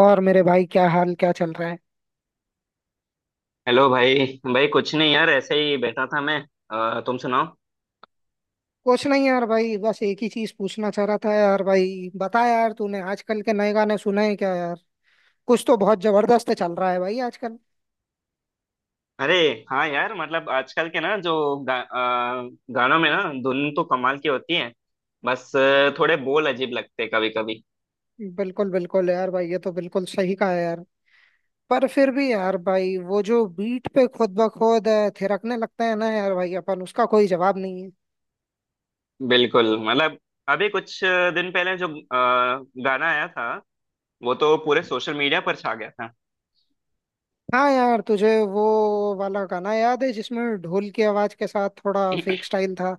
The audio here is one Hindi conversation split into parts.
और मेरे भाई, क्या हाल, क्या चल रहा है? हेलो भाई। भाई कुछ नहीं यार, ऐसे ही बैठा था मैं। तुम सुनाओ। कुछ नहीं यार भाई, बस एक ही चीज पूछना चाह रहा था यार। भाई बता यार, तूने आजकल के नए गाने सुने हैं क्या यार? कुछ तो बहुत जबरदस्त चल रहा है भाई आजकल। अरे हाँ यार, मतलब आजकल के ना जो गा, अ, गानों में ना धुन तो कमाल की होती है। बस थोड़े बोल अजीब लगते कभी कभी। बिल्कुल बिल्कुल यार भाई, ये तो बिल्कुल सही कहा है यार। पर फिर भी यार भाई, वो जो बीट पे खुद ब खुद थिरकने लगता है ना यार भाई, अपन उसका कोई जवाब नहीं है। बिल्कुल मतलब अभी कुछ दिन पहले जो गाना आया था वो तो पूरे सोशल मीडिया पर छा गया था। हाँ यार, तुझे वो वाला गाना याद है जिसमें ढोल की आवाज के साथ थोड़ा फेक स्टाइल था?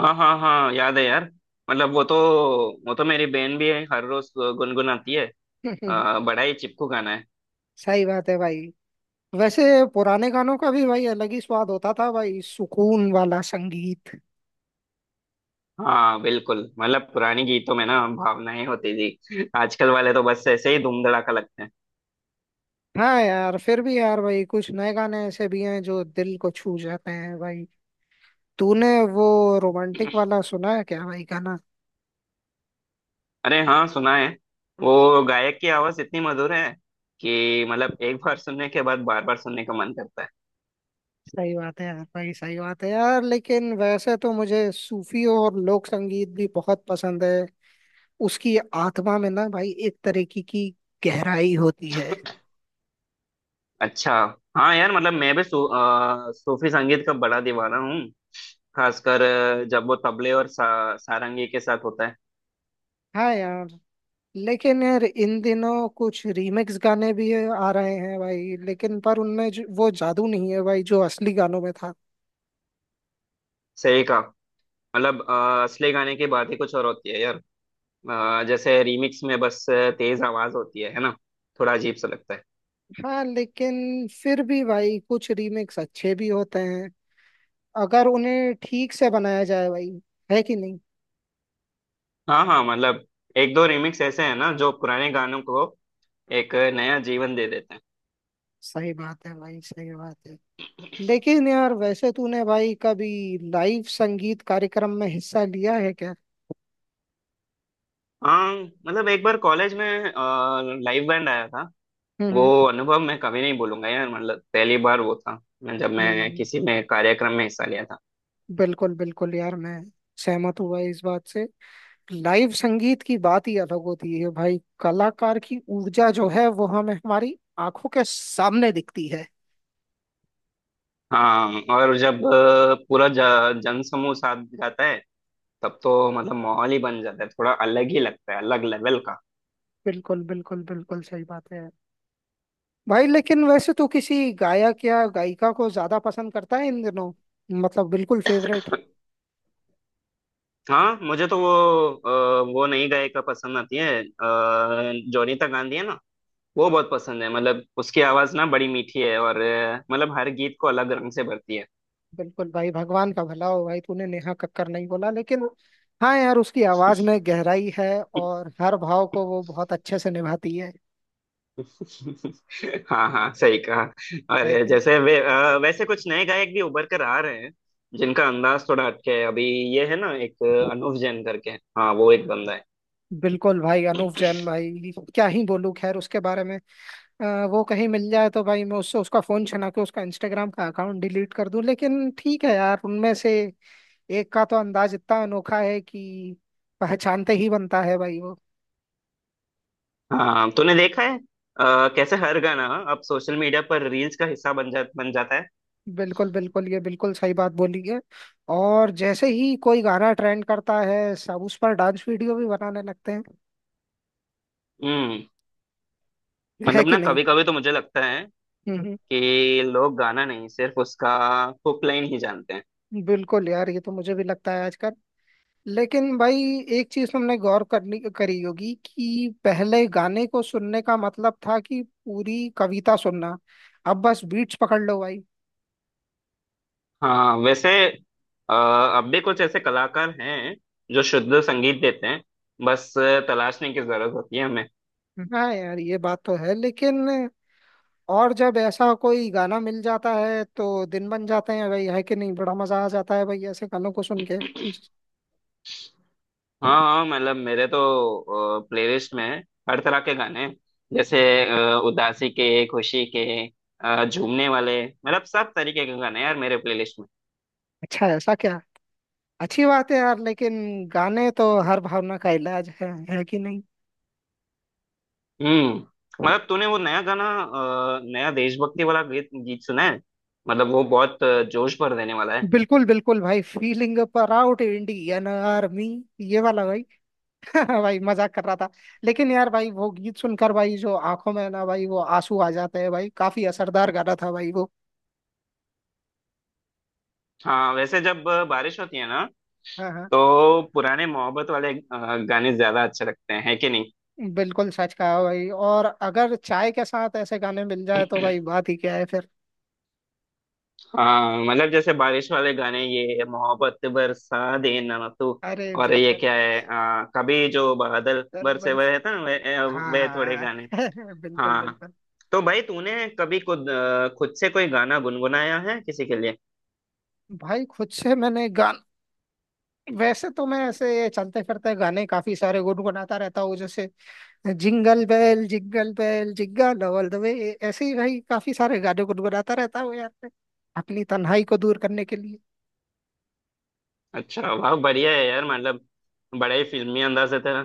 हाँ हाँ हाँ याद है यार। मतलब वो तो मेरी बहन भी हर रोज गुनगुनाती है। बड़ा ही चिपकू गाना है। सही बात है भाई। वैसे पुराने गानों का भी भाई अलग ही स्वाद होता था भाई, सुकून वाला संगीत। हाँ बिल्कुल, मतलब पुरानी गीतों में ना भावनाएं होती थी, आजकल वाले तो बस ऐसे ही धूम धड़ाका लगते हैं। हाँ यार, फिर भी यार भाई कुछ नए गाने ऐसे भी हैं जो दिल को छू जाते हैं भाई। तूने वो रोमांटिक वाला सुना है क्या भाई गाना? अरे हाँ सुना है। वो गायक की आवाज इतनी मधुर है कि मतलब एक बार सुनने के बाद बार बार सुनने का मन करता है। सही बात है यार भाई, सही बात है यार, लेकिन वैसे तो मुझे सूफी और लोक संगीत भी बहुत पसंद है। उसकी आत्मा में ना भाई एक तरीके की गहराई होती है। अच्छा हाँ यार, मतलब मैं भी सूफी संगीत का बड़ा दीवाना हूँ। खासकर जब वो तबले और सारंगी के साथ होता है। हाँ यार। लेकिन यार इन दिनों कुछ रीमिक्स गाने भी आ रहे हैं भाई, लेकिन पर उनमें वो जादू नहीं है भाई जो असली गानों में था। सही कहा, मतलब असली गाने की बात ही कुछ और होती है यार। जैसे रीमिक्स में बस तेज आवाज होती है ना। थोड़ा अजीब सा लगता है। हाँ, लेकिन फिर भी भाई कुछ रीमिक्स अच्छे भी होते हैं अगर उन्हें ठीक से बनाया जाए भाई, है कि नहीं। हाँ हाँ मतलब एक दो रिमिक्स ऐसे हैं ना जो पुराने गानों को एक नया जीवन दे देते हैं। सही बात है भाई, सही बात है, लेकिन यार वैसे तूने भाई कभी लाइव संगीत कार्यक्रम में हिस्सा लिया है क्या? हाँ मतलब एक बार कॉलेज में लाइव बैंड आया था। वो हम्म। अनुभव मैं कभी नहीं भूलूंगा यार, मतलब पहली बार वो था जब मैं हम्म, किसी में कार्यक्रम में हिस्सा लिया था। बिल्कुल बिल्कुल यार, मैं सहमत हुआ इस बात से। लाइव संगीत की बात ही अलग होती है भाई, कलाकार की ऊर्जा जो है वो हमें हमारी आंखों के सामने दिखती है। हाँ और जब पूरा जनसमूह साथ जाता है तब तो मतलब माहौल ही बन जाता है, थोड़ा अलग ही लगता है, अलग लेवल का। बिल्कुल बिल्कुल बिल्कुल सही बात है। भाई लेकिन वैसे तो किसी गायक या गायिका को ज्यादा पसंद करता है इन दिनों? मतलब बिल्कुल फेवरेट। हाँ मुझे तो वो वो नई गायिका पसंद आती है जोनीता गांधी है ना, वो बहुत पसंद है। मतलब उसकी आवाज ना बड़ी मीठी है और मतलब हर गीत को अलग रंग से भरती है। बिल्कुल भाई, भगवान का भला हो भाई, तूने नेहा कक्कर नहीं बोला लेकिन। हाँ यार, उसकी आवाज में गहराई है और हर भाव को वो बहुत अच्छे से निभाती है हाँ हाँ सही कहा। है और कि नहीं? जैसे वे वैसे कुछ नए गायक भी उभर कर आ रहे हैं जिनका अंदाज थोड़ा हटके है अभी। ये है ना एक अनूप जैन करके, हाँ वो एक बंदा है। बिल्कुल भाई, अनूप जैन भाई क्या ही बोलूं खैर उसके बारे में। अ, वो कहीं मिल जाए तो भाई मैं उससे उसका फोन छना के उसका इंस्टाग्राम का अकाउंट डिलीट कर दूं, लेकिन ठीक है यार, उनमें से एक का तो अंदाज इतना अनोखा है कि पहचानते ही बनता है भाई वो। हाँ तूने देखा है कैसे हर गाना अब सोशल मीडिया पर रील्स का हिस्सा बन जाता है। बिल्कुल बिल्कुल, ये बिल्कुल सही बात बोली है। और जैसे ही कोई गाना ट्रेंड करता है सब उस पर डांस वीडियो भी बनाने लगते हैं, हम्म। है मतलब कि ना नहीं। कभी कभी तो मुझे लगता है हम्म। कि लोग गाना नहीं, सिर्फ उसका हुक लाइन ही जानते हैं। बिल्कुल यार, ये तो मुझे भी लगता है आजकल। लेकिन भाई एक चीज तुमने गौर करनी करी होगी कि पहले गाने को सुनने का मतलब था कि पूरी कविता सुनना। अब बस बीट्स पकड़ लो भाई। हाँ वैसे अ, अब भी कुछ ऐसे कलाकार हैं जो शुद्ध संगीत देते हैं। बस तलाशने की जरूरत होती है हमें। हाँ यार, ये बात तो है, लेकिन और जब ऐसा कोई गाना मिल जाता है तो दिन बन जाते हैं भाई, है कि नहीं, बड़ा मजा आ जाता है भाई ऐसे गानों को सुन के। हाँ हाँ मतलब मेरे तो प्लेलिस्ट में हर तरह के गाने हैं। जैसे उदासी के, खुशी के, झूमने वाले, मतलब सब तरीके के गाने हैं यार मेरे प्लेलिस्ट में। अच्छा ऐसा क्या? अच्छी बात है यार, लेकिन गाने तो हर भावना का इलाज है कि नहीं। हम्म। मतलब तूने वो नया गाना, नया देशभक्ति वाला गीत गीत सुना है, मतलब वो बहुत जोश भर देने वाला है। बिल्कुल बिल्कुल भाई, feeling uh proud Indian army, ये वाला। भाई, मजाक कर रहा था। लेकिन यार भाई वो गीत सुनकर भाई जो आंखों में ना भाई वो आंसू आ जाते हैं भाई, काफी असरदार गाना था भाई वो। हाँ वैसे जब बारिश होती है ना हाँ हाँ, तो पुराने मोहब्बत वाले गाने ज्यादा अच्छे लगते हैं, है कि नहीं। बिल्कुल सच कहा भाई, और अगर चाय के साथ ऐसे गाने मिल जाए तो भाई बात ही क्या है फिर। हाँ मतलब जैसे बारिश वाले गाने, ये मोहब्बत बरसा देना तू, अरे और ये बिल्कुल। क्या है, कभी जो बादल चल बरसे बस। हुए थे ना वे थोड़े हाँ। गाने। बिल्कुल हाँ बिल्कुल। तो भाई तूने कभी खुद खुद से कोई गाना गुनगुनाया है किसी के लिए। भाई खुद से मैंने गान। वैसे तो मैं ऐसे चलते फिरते गाने काफी सारे गुनगुनाता रहता हूँ जैसे jingle bell jingle bell jingle all the way. ऐसे ही भाई काफी सारे गाने गुनगुनाता रहता हूँ यार मैं, अपनी तन्हाई को दूर करने के लिए। अच्छा वाह बढ़िया है यार, मतलब बड़ा ही फिल्मी अंदाज है तेरा।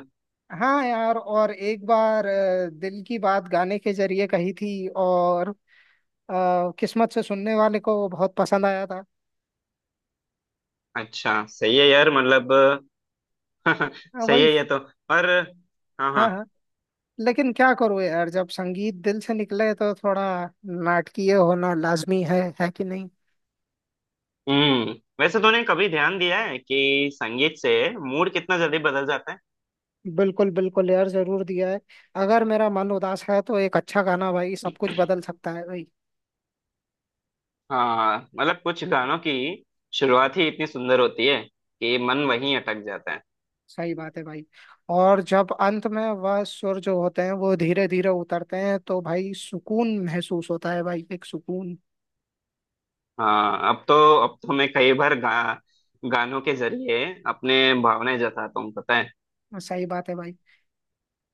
हाँ यार, और एक बार दिल की बात गाने के जरिए कही थी, और किस्मत से सुनने वाले को बहुत पसंद आया था। अच्छा सही है यार, मतलब हाँ, सही वही। है ये तो। और हाँ हाँ हाँ। हाँ। लेकिन क्या करूँ यार, जब संगीत दिल से निकले तो थोड़ा नाटकीय होना लाजमी है कि नहीं। हम्म, वैसे तूने कभी ध्यान दिया है कि संगीत से मूड कितना जल्दी बदल जाता है। बिल्कुल बिल्कुल यार, जरूर दिया है। अगर मेरा मन उदास है तो एक अच्छा गाना भाई सब कुछ बदल सकता है भाई। हाँ मतलब कुछ गानों की शुरुआत ही इतनी सुंदर होती है कि मन वहीं अटक जाता है। सही बात है भाई। और जब अंत में वह सुर जो होते हैं वो धीरे धीरे उतरते हैं तो भाई सुकून महसूस होता है भाई, एक सुकून। हाँ अब तो मैं कई बार गानों के जरिए अपने भावनाएं जताता हूँ, पता है। सही बात है भाई,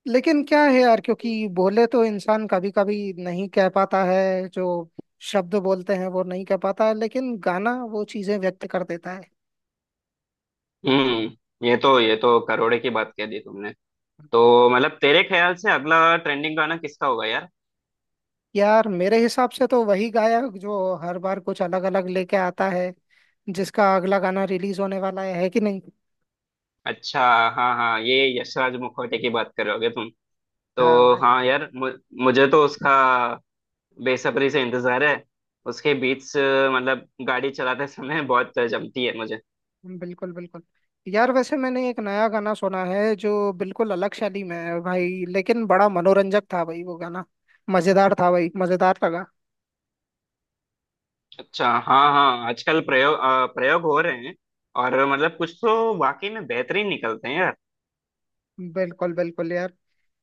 लेकिन क्या है यार, क्योंकि बोले तो इंसान कभी कभी नहीं कह पाता है, जो शब्द बोलते हैं वो नहीं कह पाता है, लेकिन गाना वो चीजें व्यक्त कर देता है। हम्म, ये तो करोड़े की बात कह दी तुमने। तो मतलब तेरे ख्याल से अगला ट्रेंडिंग गाना किसका होगा यार। यार मेरे हिसाब से तो वही गायक जो हर बार कुछ अलग अलग लेके आता है, जिसका अगला गाना रिलीज होने वाला है कि नहीं। अच्छा हाँ हाँ ये यशराज मुखोटे की बात करोगे तुम। हाँ तो भाई। हाँ यार मुझे तो उसका बेसब्री से इंतजार है। उसके बीच मतलब गाड़ी चलाते समय बहुत जमती है मुझे। बिल्कुल बिल्कुल यार, वैसे मैंने एक नया गाना सुना है जो बिल्कुल अलग शैली में है भाई, लेकिन बड़ा मनोरंजक था भाई वो गाना, मजेदार था भाई, मजेदार लगा। अच्छा हाँ हाँ आजकल प्रयोग हो रहे हैं और मतलब कुछ तो वाकई में बेहतरीन निकलते हैं यार। बिल्कुल बिल्कुल यार,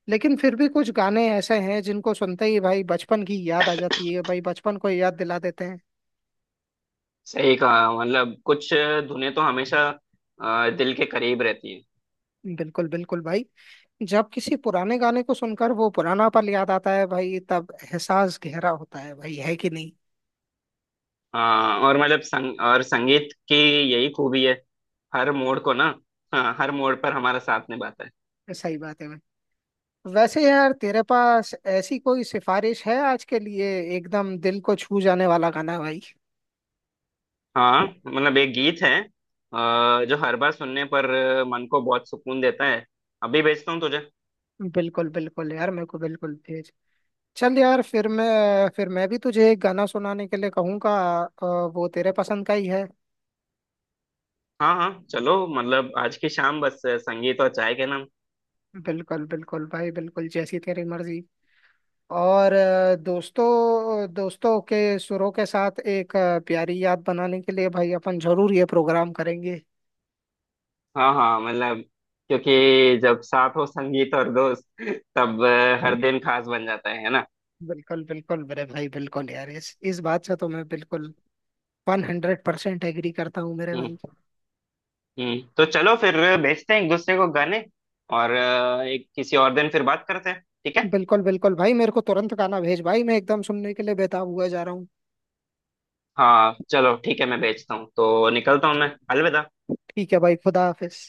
लेकिन फिर भी कुछ गाने ऐसे हैं जिनको सुनते ही भाई बचपन की याद आ जाती है भाई, बचपन को याद दिला देते हैं। सही कहा, मतलब कुछ धुनें तो हमेशा दिल के करीब रहती है। बिल्कुल बिल्कुल भाई, जब किसी पुराने गाने को सुनकर वो पुराना पल याद आता है भाई तब एहसास गहरा होता है भाई, है कि नहीं। हाँ और मतलब संगीत की यही खूबी है, हर मोड़ को ना, हाँ हर मोड़ पर हमारा साथ निभाता है। सही बात है भाई, वैसे यार तेरे पास ऐसी कोई सिफारिश है आज के लिए, एकदम दिल को छू जाने वाला गाना भाई? हाँ मतलब एक गीत है जो हर बार सुनने पर मन को बहुत सुकून देता है। अभी भेजता हूँ तुझे। बिल्कुल बिल्कुल यार, मेरे को बिल्कुल भेज। चल यार, फिर मैं भी तुझे एक गाना सुनाने के लिए कहूंगा, अ, वो तेरे पसंद का ही है। हाँ हाँ चलो, मतलब आज की शाम बस संगीत और चाय के नाम। बिल्कुल बिल्कुल भाई, बिल्कुल जैसी तेरी मर्जी। और दोस्तों दोस्तों के सुरों के साथ एक प्यारी याद बनाने के लिए भाई अपन जरूर ये प्रोग्राम करेंगे। हाँ हाँ मतलब क्योंकि जब साथ हो संगीत और दोस्त तब हर दिन खास बन जाता है ना। बिल्कुल बिल्कुल मेरे भाई, बिल्कुल यार, इस बात से तो मैं बिल्कुल 100% एग्री करता हूँ मेरे हम्म। भाई। तो चलो फिर, भेजते हैं एक दूसरे को गाने और एक किसी और दिन फिर बात करते हैं ठीक है। बिल्कुल बिल्कुल भाई, मेरे को तुरंत गाना भेज भाई, मैं एकदम सुनने के लिए बेताब हुआ जा रहा हूँ। हाँ चलो ठीक है, मैं भेजता हूँ तो निकलता हूँ मैं, अलविदा। ठीक है भाई, खुदा हाफिज।